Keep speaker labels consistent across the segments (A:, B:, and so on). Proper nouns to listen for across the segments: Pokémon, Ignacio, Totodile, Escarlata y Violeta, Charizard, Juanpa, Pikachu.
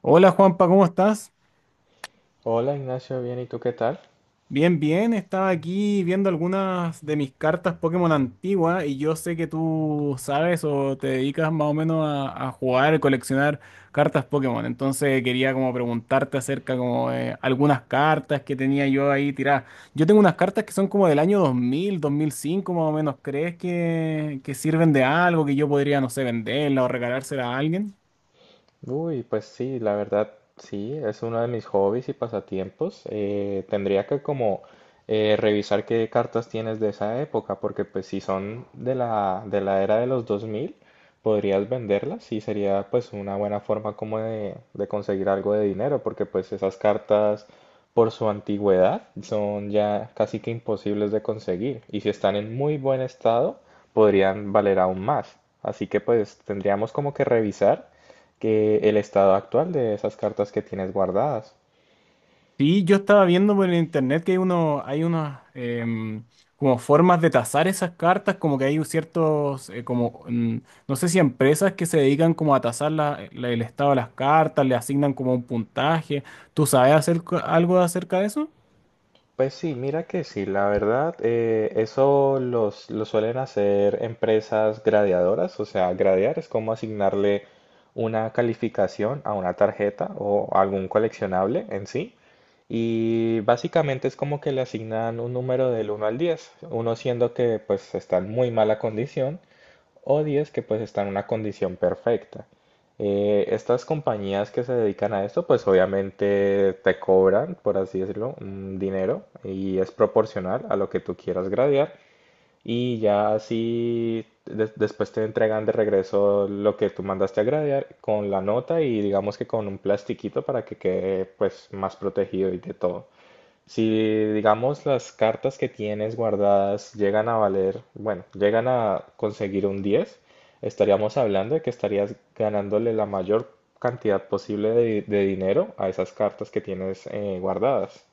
A: Hola Juanpa, ¿cómo estás?
B: Hola Ignacio, bien, ¿y tú qué tal?
A: Bien, bien, estaba aquí viendo algunas de mis cartas Pokémon antiguas y yo sé que tú sabes o te dedicas más o menos a jugar y coleccionar cartas Pokémon. Entonces quería como preguntarte acerca como de algunas cartas que tenía yo ahí tiradas. Yo tengo unas cartas que son como del año dos mil, dos mil cinco más o menos. ¿Crees que sirven de algo, que yo podría, no sé, venderla o regalársela a alguien?
B: Uy, pues sí, la verdad, sí, es uno de mis hobbies y pasatiempos. Tendría que como revisar qué cartas tienes de esa época, porque pues si son de la era de los 2000, podrías venderlas y sería pues una buena forma como de conseguir algo de dinero, porque pues esas cartas por su antigüedad son ya casi que imposibles de conseguir y si están en muy buen estado, podrían valer aún más. Así que pues tendríamos como que revisar que el estado actual de esas cartas que tienes guardadas.
A: Sí, yo estaba viendo por internet que hay uno, hay unas como formas de tasar esas cartas, como que hay ciertos, como, no sé si empresas que se dedican como a tasar el estado de las cartas, le asignan como un puntaje. ¿Tú sabes hacer co- algo acerca de eso?
B: Pues sí, mira que sí, la verdad, eso lo suelen hacer empresas gradeadoras, o sea, gradear es como asignarle una calificación a una tarjeta o algún coleccionable en sí, y básicamente es como que le asignan un número del 1 al 10, uno siendo que pues está en muy mala condición o 10 que pues están en una condición perfecta. Estas compañías que se dedican a esto, pues obviamente te cobran, por así decirlo, un dinero y es proporcional a lo que tú quieras gradear, y ya así después te entregan de regreso lo que tú mandaste a gradear con la nota y digamos que con un plastiquito para que quede pues más protegido y de todo. Si, digamos, las cartas que tienes guardadas llegan a valer, bueno, llegan a conseguir un 10, estaríamos hablando de que estarías ganándole la mayor cantidad posible de dinero a esas cartas que tienes, guardadas.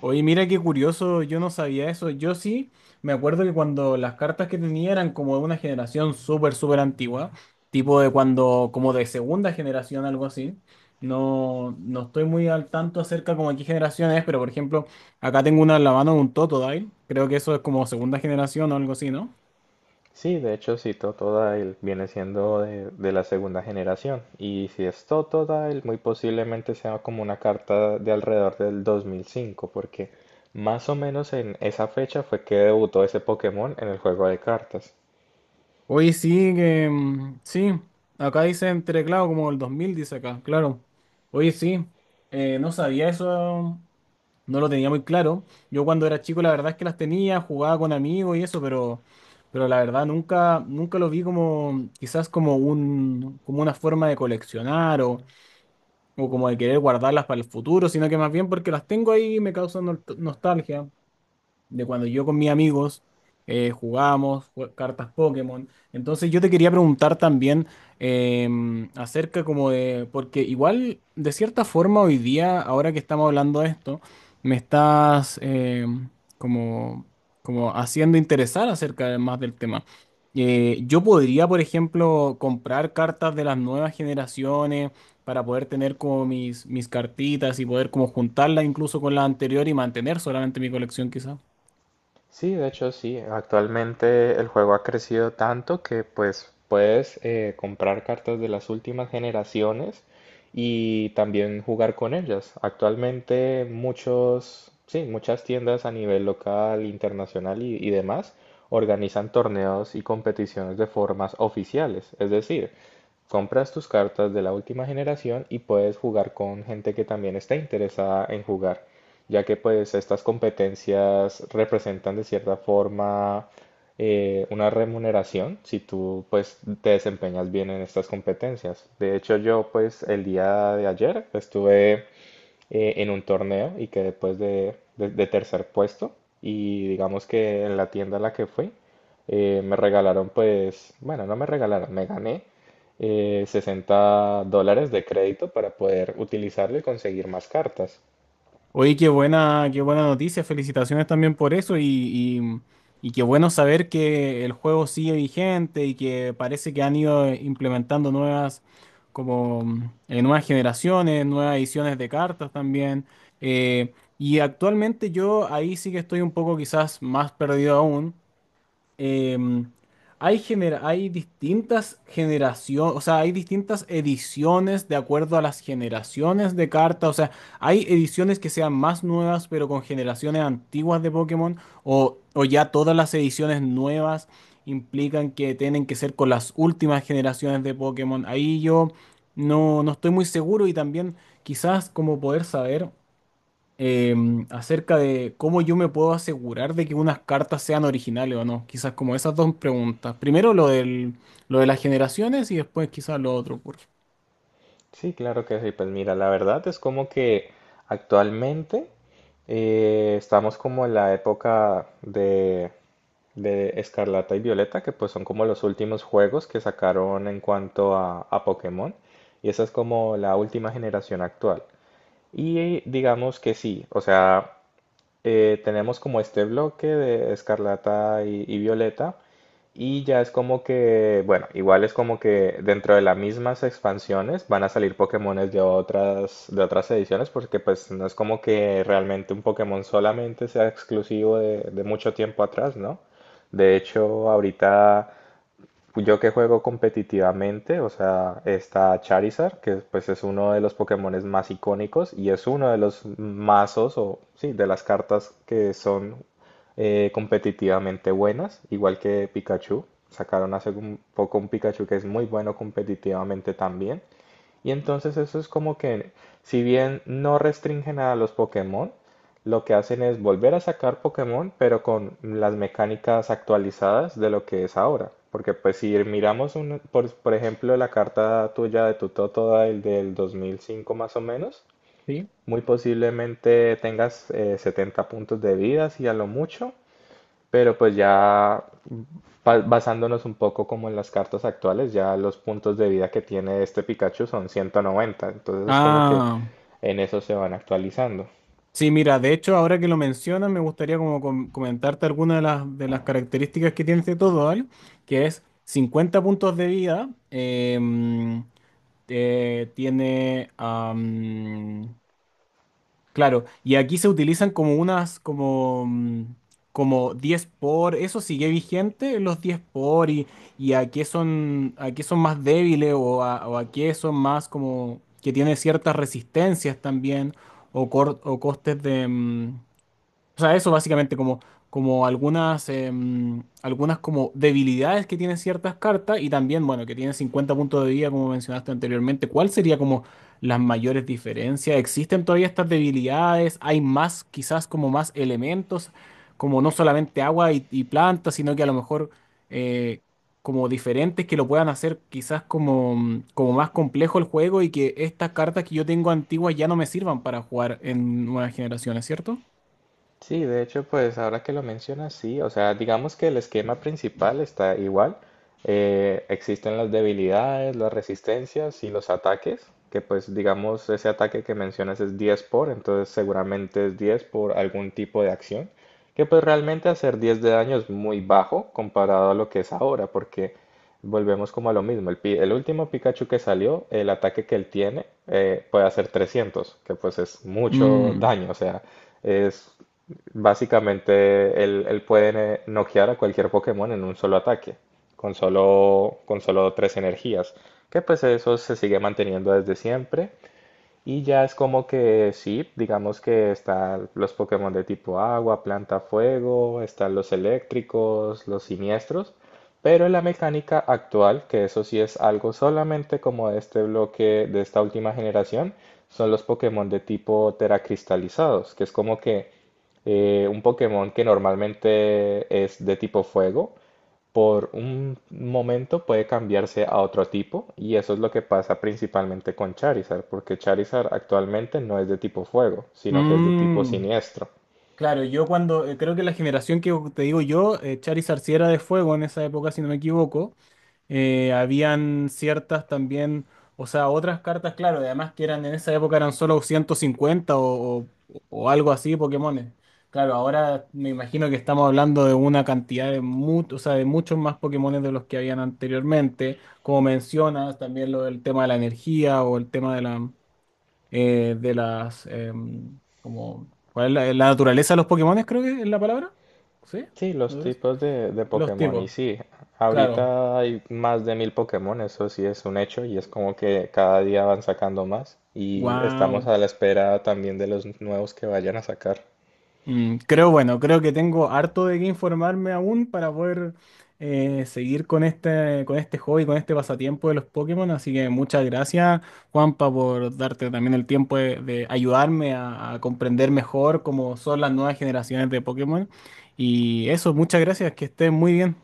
A: Oye, mira qué curioso, yo no sabía eso. Yo sí me acuerdo que cuando las cartas que tenía eran como de una generación súper, súper antigua, tipo de cuando, como de segunda generación, algo así. No, no estoy muy al tanto acerca como de qué generación es, pero por ejemplo, acá tengo una en la mano de un Totodile. Creo que eso es como segunda generación o algo así, ¿no?
B: Sí, de hecho, si Totodile viene siendo de la segunda generación. Y si es Totodile, muy posiblemente sea como una carta de alrededor del 2005, porque más o menos en esa fecha fue que debutó ese Pokémon en el juego de cartas.
A: Oye, sí, que mm, sí. Acá dice entre, claro, como el 2000 dice acá, claro. Oye, sí, no sabía eso. No lo tenía muy claro. Yo cuando era chico la verdad es que las tenía, jugaba con amigos y eso, pero la verdad nunca, nunca lo vi como quizás como un, como una forma de coleccionar o como de querer guardarlas para el futuro, sino que más bien porque las tengo ahí y me causan nostalgia de cuando yo con mis amigos jugábamos jue- cartas Pokémon. Entonces yo te quería preguntar también acerca como de, porque igual de cierta forma hoy día, ahora que estamos hablando de esto, me estás como, como haciendo interesar acerca de- más del tema. Yo podría, por ejemplo, comprar cartas de las nuevas generaciones para poder tener como mis cartitas y poder como juntarlas incluso con la anterior y mantener solamente mi colección quizás.
B: Sí, de hecho sí. Actualmente el juego ha crecido tanto que pues puedes comprar cartas de las últimas generaciones y también jugar con ellas. Actualmente muchos, sí, muchas tiendas a nivel local, internacional y demás organizan torneos y competiciones de formas oficiales. Es decir, compras tus cartas de la última generación y puedes jugar con gente que también está interesada en jugar ya que pues estas competencias representan de cierta forma una remuneración si tú pues te desempeñas bien en estas competencias. De hecho yo pues el día de ayer estuve en un torneo y quedé pues de tercer puesto y digamos que en la tienda a la que fui me regalaron pues, bueno, no me regalaron, me gané $60 de crédito para poder utilizarlo y conseguir más cartas.
A: Oye, qué buena noticia. Felicitaciones también por eso y qué bueno saber que el juego sigue vigente y que parece que han ido implementando nuevas, como nuevas generaciones, nuevas ediciones de cartas también. Eh, y actualmente yo ahí sí que estoy un poco quizás más perdido aún, em, hay, gener- hay distintas generaciones, o sea, hay distintas ediciones de acuerdo a las generaciones de cartas. O sea, hay ediciones que sean más nuevas, pero con generaciones antiguas de Pokémon, o ya todas las ediciones nuevas implican que tienen que ser con las últimas generaciones de Pokémon. Ahí yo no, no estoy muy seguro y también quizás como poder saber acerca de cómo yo me puedo asegurar de que unas cartas sean originales o no. Quizás como esas dos preguntas. Primero lo del, lo de las generaciones y después quizás lo otro, por-
B: Sí, claro que sí. Pues mira, la verdad es como que actualmente estamos como en la época de Escarlata y Violeta, que pues son como los últimos juegos que sacaron en cuanto a Pokémon. Y esa es como la última generación actual. Y digamos que sí, o sea, tenemos como este bloque de Escarlata y Violeta y ya es como que, bueno, igual es como que dentro de las mismas expansiones van a salir Pokémones de otras ediciones porque pues no es como que realmente un Pokémon solamente sea exclusivo de mucho tiempo atrás, ¿no? De hecho, ahorita yo que juego competitivamente, o sea, está Charizard, que pues es uno de los Pokémones más icónicos y es uno de los mazos o sí, de las cartas que son competitivamente buenas, igual que Pikachu. Sacaron hace un poco un Pikachu que es muy bueno competitivamente también. Y entonces eso es como que, si bien no restringen a los Pokémon, lo que hacen es volver a sacar Pokémon, pero con las mecánicas actualizadas de lo que es ahora. Porque pues si miramos, por ejemplo, la carta tuya de tu Totodile el del 2005 más o menos,
A: ¿sí?
B: muy posiblemente tengas 70 puntos de vida, si a lo mucho, pero pues ya basándonos un poco como en las cartas actuales, ya los puntos de vida que tiene este Pikachu son 190. Entonces como que
A: Ah,
B: en eso se van actualizando.
A: sí, mira, de hecho, ahora que lo mencionas, me gustaría como com- comentarte algunas de las características que tiene este Totodile, que es 50 puntos de vida, tiene... Claro, y aquí se utilizan como unas, como, como 10 por, eso sigue vigente, los 10 por, y a qué son más débiles o a qué son más como que tienen ciertas resistencias también o, cor- o costes de, o sea, eso básicamente como, como algunas, algunas como debilidades que tienen ciertas cartas y también, bueno, que tienen 50 puntos de vida como mencionaste anteriormente. ¿Cuál sería como las mayores diferencias? ¿Existen todavía estas debilidades? ¿Hay más, quizás como más elementos, como no solamente agua y plantas, sino que a lo mejor eh, como diferentes que lo puedan hacer quizás como, como más complejo el juego y que estas cartas que yo tengo antiguas ya no me sirvan para jugar en nuevas generaciones, ¿cierto?
B: Sí, de hecho, pues ahora que lo mencionas, sí, o sea, digamos que el esquema principal está igual. Existen las debilidades, las resistencias y los ataques, que pues digamos ese ataque que mencionas es 10 por, entonces seguramente es 10 por algún tipo de acción, que pues realmente hacer 10 de daño es muy bajo comparado a lo que es ahora, porque volvemos como a lo mismo, el último Pikachu que salió, el ataque que él tiene puede hacer 300, que pues es mucho
A: Mm,
B: daño, o sea... Es básicamente, él puede noquear a cualquier Pokémon en un solo ataque, con solo tres energías, que pues eso se sigue manteniendo desde siempre. Y ya es como que sí, digamos que están los Pokémon de tipo agua, planta, fuego, están los eléctricos, los siniestros, pero en la mecánica actual, que eso sí es algo solamente como de este bloque, de esta última generación, son los Pokémon de tipo teracristalizados, que es como que un Pokémon que normalmente es de tipo fuego, por un momento puede cambiarse a otro tipo y eso es lo que pasa principalmente con Charizard, porque Charizard actualmente no es de tipo fuego, sino que es de tipo
A: mm.
B: siniestro.
A: Claro, yo cuando, creo que la generación que te digo yo, Charizard sí era de fuego en esa época, si no me equivoco, habían ciertas también, o sea, otras cartas, claro, además que eran en esa época eran solo 150 o algo así, Pokémones. Claro, ahora me imagino que estamos hablando de una cantidad de, mu- o sea, de muchos más Pokémones de los que habían anteriormente, como mencionas, también lo del tema de la energía o el tema de la... de las, como, ¿cuál es la, la naturaleza de los Pokémones, creo que es la palabra? ¿Sí?
B: Sí, los
A: ¿Naturaleza?
B: tipos de
A: Los
B: Pokémon y
A: tipos,
B: sí,
A: claro.
B: ahorita hay más de mil Pokémon, eso sí es un hecho y es como que cada día van sacando más y estamos
A: Wow.
B: a la espera también de los nuevos que vayan a sacar.
A: Mm, creo, bueno, creo que tengo harto de qué informarme aún para poder seguir con este hobby, con este pasatiempo de los Pokémon. Así que muchas gracias, Juanpa, por darte también el tiempo de ayudarme a comprender mejor cómo son las nuevas generaciones de Pokémon. Y eso, muchas gracias, que estés muy bien.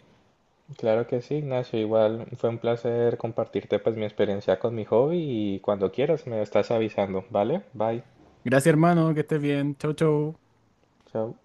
B: Claro que sí, Ignacio. Igual fue un placer compartirte pues mi experiencia con mi hobby y cuando quieras me estás avisando, ¿vale? Bye.
A: Gracias, hermano, que estés bien. Chau, chau.
B: Chao.